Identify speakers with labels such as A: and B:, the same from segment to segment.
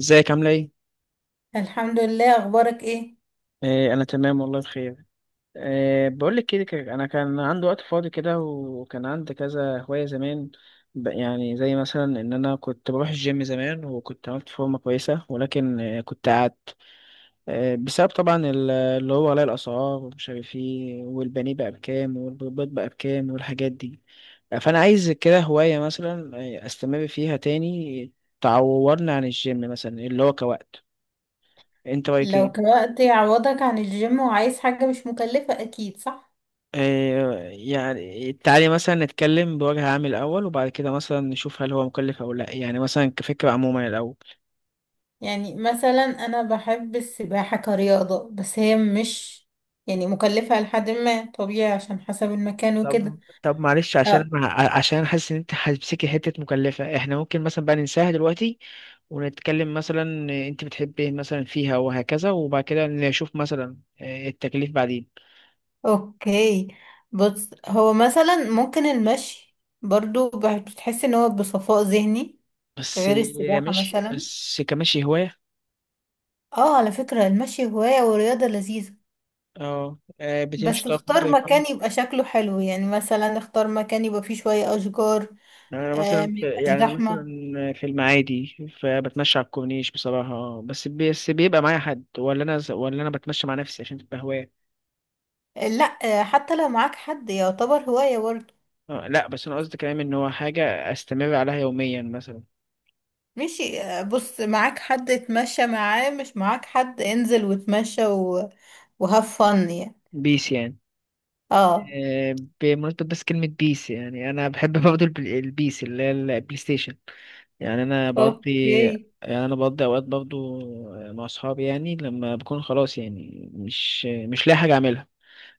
A: ازيك عاملة ايه؟
B: الحمد لله، اخبارك ايه؟
A: آه، انا تمام والله بخير. آه، بقول لك كده كده، انا كان عندي وقت فاضي كده، وكان عندي كذا هواية زمان. يعني زي مثلا ان انا كنت بروح الجيم زمان، وكنت عملت فورمة كويسة، ولكن كنت قعدت. آه، بسبب طبعا اللي هو غلاء الاسعار، ومش عارف ايه، والبانيه بقى بكام، والبيض بقى بكام، والحاجات دي. آه، فانا عايز كده هواية مثلا. آه، استمر فيها تاني. تعوضني عن الجيم مثلا، اللي هو كوقت. انت رايك ايه؟
B: لو كوقت يعوضك عن الجيم وعايز حاجة مش مكلفة، اكيد صح.
A: آه، يعني تعالي مثلا نتكلم بوجه عام الأول، وبعد كده مثلا نشوف هل هو مكلف أو لأ، يعني مثلا كفكرة عموما الأول.
B: يعني مثلا انا بحب السباحة كرياضة، بس هي مش يعني مكلفة لحد ما، طبيعي عشان حسب المكان
A: طب
B: وكده.
A: طب معلش، عشان
B: اه،
A: عشان حاسس إن أنت هتمسكي حتة مكلفة، إحنا ممكن مثلا بقى ننساها دلوقتي، ونتكلم مثلا. أنت بتحبي إيه مثلا فيها وهكذا، وبعد كده نشوف مثلا، آه، التكليف بعدين.
B: اوكي. بص، هو مثلا ممكن المشي برضو، بتحس ان هو بصفاء ذهني
A: بس
B: غير السباحة
A: مش
B: مثلا.
A: بس كمشي هواية.
B: اه، على فكرة المشي هواية ورياضة لذيذة.
A: اه، بتمشي
B: بس
A: طب.
B: اختار مكان يبقى شكله حلو، يعني مثلا اختار مكان يبقى فيه شوية أشجار. ما يبقاش
A: يعني انا مثلا
B: زحمة.
A: في المعادي، فبتمشى على الكورنيش بصراحه، بس بس بيبقى معايا حد، ولا انا، ولا انا بتمشى مع نفسي عشان تبقى هوايه.
B: آه، لا. آه، حتى لو معاك حد يعتبر هواية برضه.
A: آه، لا بس انا قصدي كلام ان هو حاجه استمر عليها يوميا مثلا.
B: ماشي، بص، معاك حد اتمشى معاه، مش معاك حد انزل واتمشى و... وهاف فن يعني.
A: بيس يعني.
B: اه،
A: آه، بمناسبة بس كلمة بيس، يعني أنا بحب برضه البيس اللي هي البلاي ستيشن. يعني أنا بقضي
B: اوكي.
A: يعني أنا بقضي أوقات برضه مع أصحابي، يعني لما بكون خلاص، يعني مش لاقي حاجة أعملها،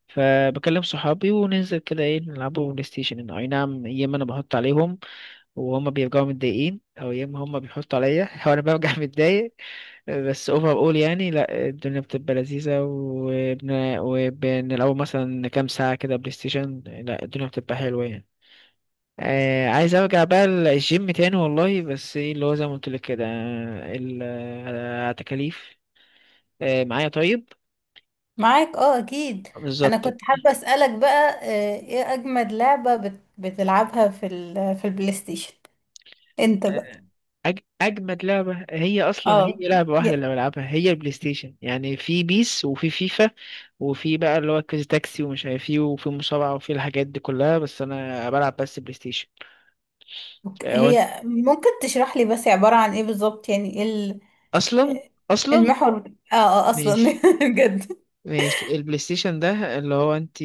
A: فبكلم صحابي وننزل كده، ايه، نلعبوا بلاي ستيشن. اي نعم، يا اما انا بحط عليهم وهما بيرجعوا متضايقين، او يا اما هما بيحطوا عليا وانا برجع متضايق. بس اوفر اول يعني، لا الدنيا بتبقى لذيذة، وبنلعبوا مثلا كام ساعة كده بلاي ستيشن، لا الدنيا بتبقى حلوة يعني. آه، عايز ارجع بقى الجيم تاني والله، بس ايه اللي هو زي ما قلت لك كده، آه، تكاليف. آه، معايا طيب.
B: معاك، اه، اكيد. انا
A: بالظبط.
B: كنت حابة اسألك بقى، ايه اجمد لعبة بتلعبها في في البلاي ستيشن انت بقى؟
A: اجمد لعبه، هي اصلا هي
B: اه،
A: لعبه واحده اللي بلعبها هي البلاي ستيشن يعني، في بيس وفي فيفا، وفي بقى اللي هو كويز تاكسي ومش عارف ايه، وفي مصارعه، وفي الحاجات دي كلها، بس انا بلعب بس بلاي ستيشن.
B: أوكي.
A: هو أنت-
B: هي ممكن تشرح لي بس، عبارة عن ايه بالظبط؟ يعني ايه
A: اصلا اصلا
B: المحور اه اه اصلا
A: ماشي.
B: بجد.
A: ماشي، البلاي ستيشن ده اللي هو انت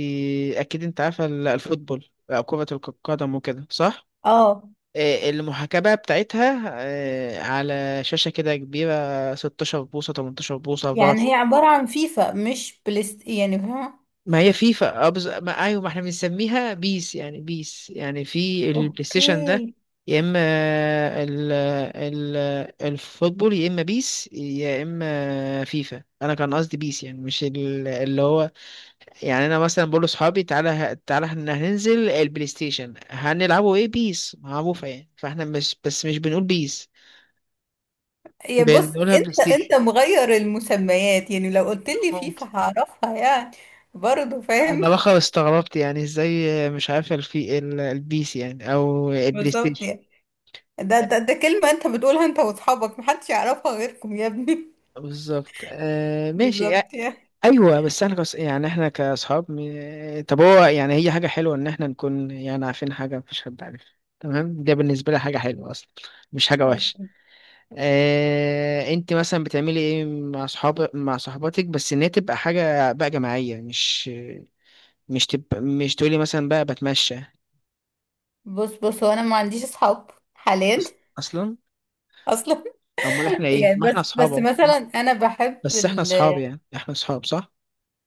A: اكيد انت عارفه الفوتبول أو كرة القدم وكده، صح؟
B: اه،
A: آه، المحاكاة بقى بتاعتها، على شاشة كده كبيرة 16 بوصة، 18 بوصة.
B: يعني هي عبارة عن فيفا مش بلست، يعني فاهمة؟
A: ما هي فيفا أبز... ما ايوه، ما احنا بنسميها بيس يعني، بيس يعني في البلاي ستيشن ده،
B: اوكي.
A: يا اما ال... ال... الفوتبول، يا اما بيس، يا اما فيفا. انا كان قصدي بيس يعني، مش اللي هو. يعني انا مثلا بقول لاصحابي، تعالى احنا هننزل البلاي ستيشن، هنلعبوا ايه، بيس، معروفه يعني، فاحنا مش بس مش بنقول بيس،
B: يا بص،
A: بنقولها بلاي
B: انت
A: ستيشن.
B: انت مغير المسميات، يعني لو قلت لي
A: ممكن.
B: فيفا هعرفها يعني. برضه فاهم.
A: انا بقى استغربت يعني، ازاي مش عارف البيس يعني، او البلاي
B: بالظبط
A: ستيشن.
B: يعني. ده كلمة انت بتقولها انت واصحابك، محدش يعرفها غيركم يا ابني.
A: بالظبط. آه، ماشي. آه،
B: بالظبط يعني.
A: ايوه، بس احنا يعني احنا كاصحاب، طب هو يعني هي حاجه حلوه ان احنا نكون يعني عارفين حاجه مفيش حد عارفها. تمام، ده بالنسبه لي حاجه حلوه اصلا، مش حاجه وحشه. آه، انت مثلا بتعملي ايه مع صحاب، مع صحباتك، بس ان هي تبقى حاجه بقى جماعيه، مش مش تبقى، مش تقولي مثلا بقى بتمشى.
B: بص بص، هو انا ما عنديش اصحاب حاليا
A: أص- اصلا؟
B: اصلا.
A: امال احنا ايه،
B: يعني
A: ما احنا
B: بس
A: اصحاب
B: بس
A: أهو،
B: مثلا انا بحب
A: بس احنا
B: ال...
A: اصحاب يعني، احنا اصحاب صح.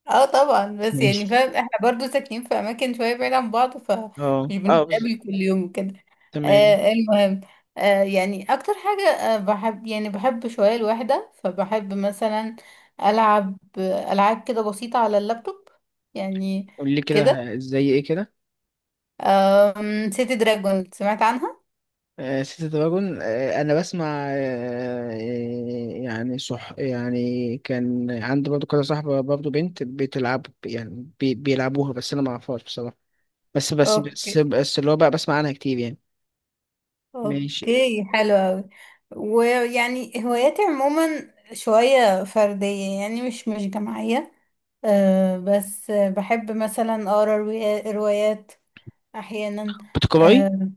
B: اه، طبعا. بس يعني
A: ماشي.
B: فاهم، احنا برضو ساكنين في اماكن شويه بعيد عن بعض، فمش
A: اه اه، بالظبط.
B: بنتقابل كل يوم وكده.
A: تمام.
B: آه، المهم، يعني اكتر حاجه، بحب يعني بحب شويه الوحده، فبحب مثلا العب العاب كده بسيطه على اللابتوب يعني.
A: قول لي كده،
B: كده
A: زي ايه كده.
B: سيتي دراجون، سمعت عنها؟
A: آه، سيتي دراجون. آه، انا بسمع. آه، آه، يعني صح، يعني كان عندي برضو كده صاحبة برضو بنت بتلعب يعني، بي بيلعبوها، بس انا ما اعرفهاش بصراحة. بس بس بس
B: اوكي.
A: بس اللي هو بقى بسمع عنها كتير يعني. ماشي.
B: اوكي، حلو اوي. ويعني هواياتي عموما شوية فردية يعني، مش جماعية. أه، بس بحب مثلا اقرا روايات احيانا.
A: بتقراي؟
B: اه،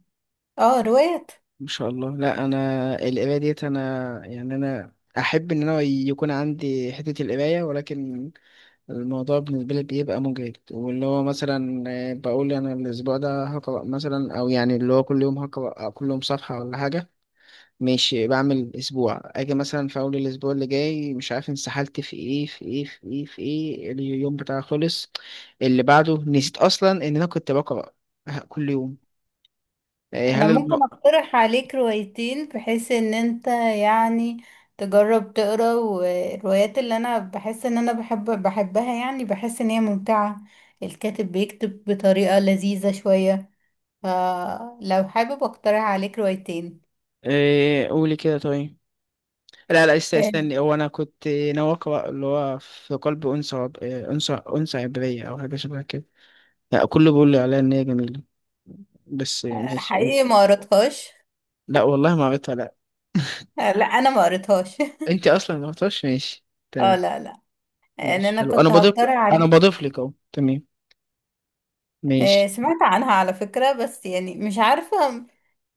B: روايات.
A: ما شاء الله، لا انا القراية ديت، انا يعني انا احب ان انا يكون عندي حتة القراية، ولكن الموضوع بالنسبة لي بيبقى مجهد، واللي هو مثلا، آه، بقول أنا الأسبوع ده هقرأ مثلا، أو يعني اللي هو كل يوم هقرأ، كل يوم صفحة ولا حاجة. ماشي، بعمل أسبوع، أجي مثلا في أول الأسبوع اللي جاي، مش عارف انسحلت في إيه في إيه في إيه في إيه، اليوم بتاعي خلص، اللي بعده نسيت أصلا إن أنا كنت بقرأ آه، كل يوم. آه،
B: انا
A: هل الم...
B: ممكن اقترح عليك روايتين بحيث ان انت يعني تجرب تقرا. والروايات اللي انا بحس ان انا بحبها، يعني بحس ان هي ممتعة، الكاتب بيكتب بطريقة لذيذة شوية. فلو حابب اقترح عليك روايتين.
A: آه، قولي كده طيب. لا
B: آه،
A: استني، هو أنا كنت ناوي أقرأ اللي هو في قلب أنثى. آه، أنثى أنثى عبرية أو حاجة شبه كده. لا كله بيقول لي عليها ان هي جميله، بس ماشي، قول.
B: حقيقي ما قريتهاش.
A: لا والله ما عملتها لا.
B: لا انا ما قريتهاش.
A: انت اصلا ما عملتهاش، ماشي.
B: اه،
A: تمام.
B: لا لا. يعني
A: ماشي،
B: انا
A: حلو.
B: كنت هقترح
A: انا
B: عليك.
A: بضيف لك اهو، تمام. ماشي.
B: سمعت عنها على فكرة، بس يعني مش عارفة،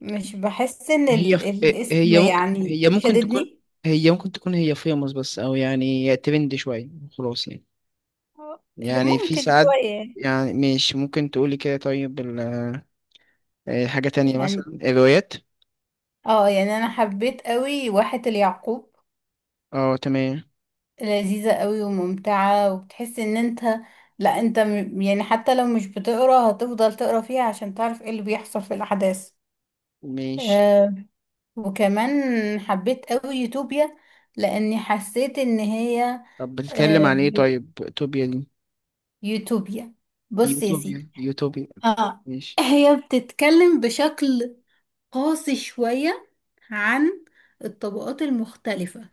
B: مش بحس ان
A: هي ف...
B: الاسم
A: هي ممكن
B: يعني
A: هي ممكن تكون
B: شددني.
A: هي ممكن تكون هي فيموس بس، او يعني ترند شويه، خلاص يعني.
B: آه،
A: يعني في
B: ممكن
A: ساعات.
B: شوية
A: يعني ماشي، ممكن تقولي كده طيب آه، حاجه تانية مثلا
B: يعني.
A: الروايات.
B: اه، يعني انا حبيت قوي واحة اليعقوب.
A: اه، تمام.
B: لذيذة قوي وممتعة، وبتحس ان انت، لا انت يعني حتى لو مش بتقرا هتفضل تقرا فيها عشان تعرف ايه اللي بيحصل في الاحداث.
A: ماشي.
B: آه، وكمان حبيت قوي يوتوبيا، لاني حسيت ان هي
A: طب بتتكلم
B: آه
A: عن ايه
B: بت-
A: طيب، توبيا دي؟
B: يوتوبيا. بص يا
A: يوتوبيا،
B: سيدي.
A: يوتوبيا.
B: اه،
A: ماشي.
B: هي بتتكلم بشكل قاسي شوية عن الطبقات المختلفة،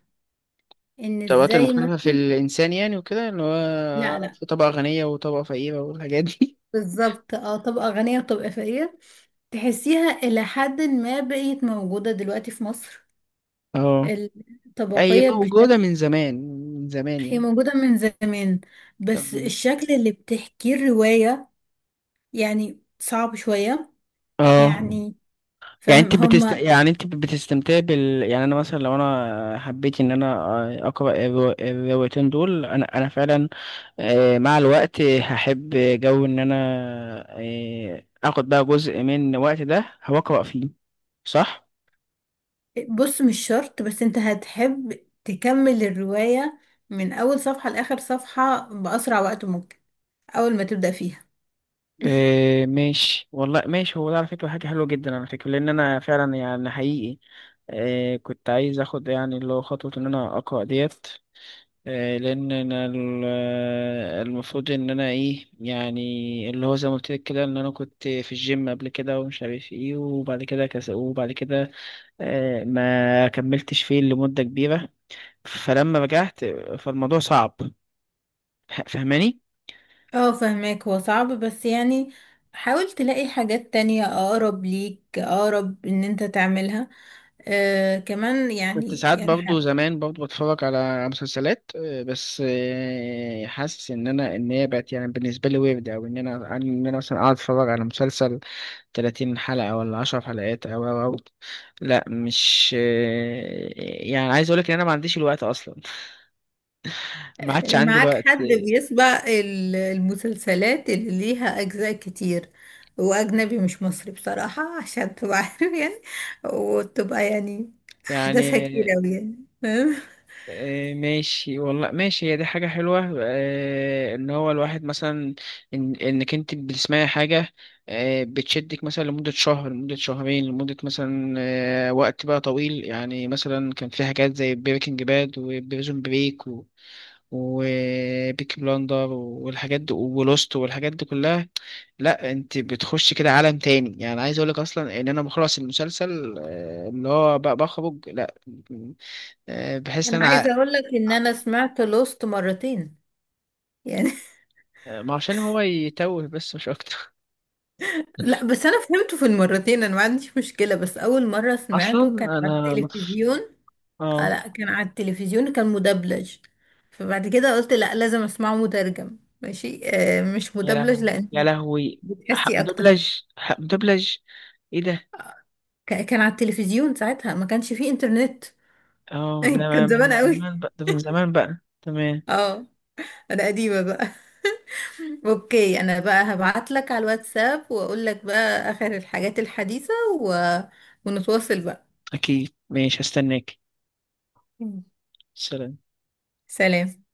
B: ان
A: الطبقات
B: ازاي ما...
A: المختلفة في الإنسان يعني، وكده اللي
B: لا
A: هو
B: لا،
A: في طبقة غنية وطبقة فقيرة والحاجات دي.
B: بالظبط، اه، طبقة غنية وطبقة فقيرة. تحسيها إلى حد ما بقيت موجودة دلوقتي في مصر،
A: اه، أي
B: الطبقية بشكل...
A: موجودة من زمان، من زمان
B: هي
A: يعني.
B: موجودة من زمان، بس
A: طب-
B: الشكل اللي بتحكيه الرواية يعني صعب شوية
A: اه.
B: يعني.
A: يعني
B: فاهم
A: انت
B: هما؟
A: يعني انت بتستمتع بال، يعني انا مثلا لو انا حبيت ان انا اقرا الروايتين دول، انا انا فعلا آه، مع الوقت هحب جو ان انا آه، اخد بقى جزء من الوقت ده هقرا فيه، صح.
B: بص مش شرط، بس انت هتحب تكمل الرواية من أول صفحة لآخر صفحة بأسرع وقت ممكن أول ما تبدأ فيها.
A: إيه، ماشي والله ماشي، هو ده على فكرة حاجة حلوة جدا على فكرة، لأن أنا فعلا يعني حقيقي إيه كنت عايز أخد يعني اللي هو خطوة إن أنا أقرأ ديت. إيه، لأن أنا آه، المفروض إن أنا إيه يعني، اللي هو زي ما قلت لك كده، إن أنا كنت في الجيم قبل كده، ومش عارف إيه، وبعد كده كس، وبعد كده إيه، ما كملتش فيه لمدة كبيرة. فلما رجعت، فالموضوع صعب. فاهماني؟
B: اه، فهماك. هو صعب بس يعني حاول تلاقي حاجات تانية أقرب ليك، أقرب إن انت تعملها. آه، كمان
A: كنت ساعات برضه زمان برضه بتفرج على مسلسلات آه، بس آه، حاسس ان انا ان هي بقت يعني بالنسبه لي ويرد، او ان انا ان انا مثلا اقعد اتفرج على مسلسل 30 حلقه ولا 10 حلقات، او او أو. لا، مش آه، يعني عايز اقول لك ان انا ما عنديش الوقت اصلا، ما عادش عندي
B: معاك
A: الوقت
B: حد بيسبق المسلسلات اللي ليها أجزاء كتير، وأجنبي مش مصري بصراحة، عشان تبقى عارف يعني، وتبقى يعني أحداثها كتير
A: يعني.
B: أوي يعني. فاهم؟
A: آه، ماشي والله ماشي، هي دي حاجة حلوة، آه، إن هو الواحد مثلا، إن إنك أنت بتسمعي حاجة آه، بتشدك مثلا لمدة شهر، لمدة شهرين، لمدة مثلا آه، وقت بقى طويل يعني، مثلا كان في حاجات زي بريكنج باد، وبريزون بريك، و وبيكي بلاندر، والحاجات دي، ولوست والحاجات دي كلها. لا انت بتخش كده عالم تاني يعني، عايز اقولك اصلا ان انا بخلص المسلسل آه، اللي هو بقى بخرج لا، آه، بحس ان
B: أنا
A: انا.
B: عايزة أقول لك إن أنا سمعت لوست مرتين يعني.
A: ما عشان هو يتوه، بس مش اكتر.
B: لا بس أنا فهمته في المرتين، أنا ما عنديش مشكلة، بس أول مرة سمعته كان
A: اصلا
B: على
A: انا متف...
B: التلفزيون.
A: اه.
B: لا كان على التلفزيون كان مدبلج، فبعد كده قلت لا لازم اسمعه مترجم ماشي، آه مش
A: يا
B: مدبلج،
A: لهوي، يا
B: لان
A: لهوي. حق
B: بتحسي اكتر.
A: مدبلج، حق مدبلج. ايه ده.
B: كان على التلفزيون، ساعتها ما كانش فيه انترنت.
A: اه، ده
B: كان
A: من
B: زمان قوي.
A: زمان بقى، ده من زمان بقى، تمام.
B: اه، انا قديمة بقى. اوكي، انا بقى هبعت لك على الواتساب واقول لك بقى اخر الحاجات الحديثة و... ونتواصل بقى.
A: اكيد، ماشي، هستناك. سلام.
B: سلام.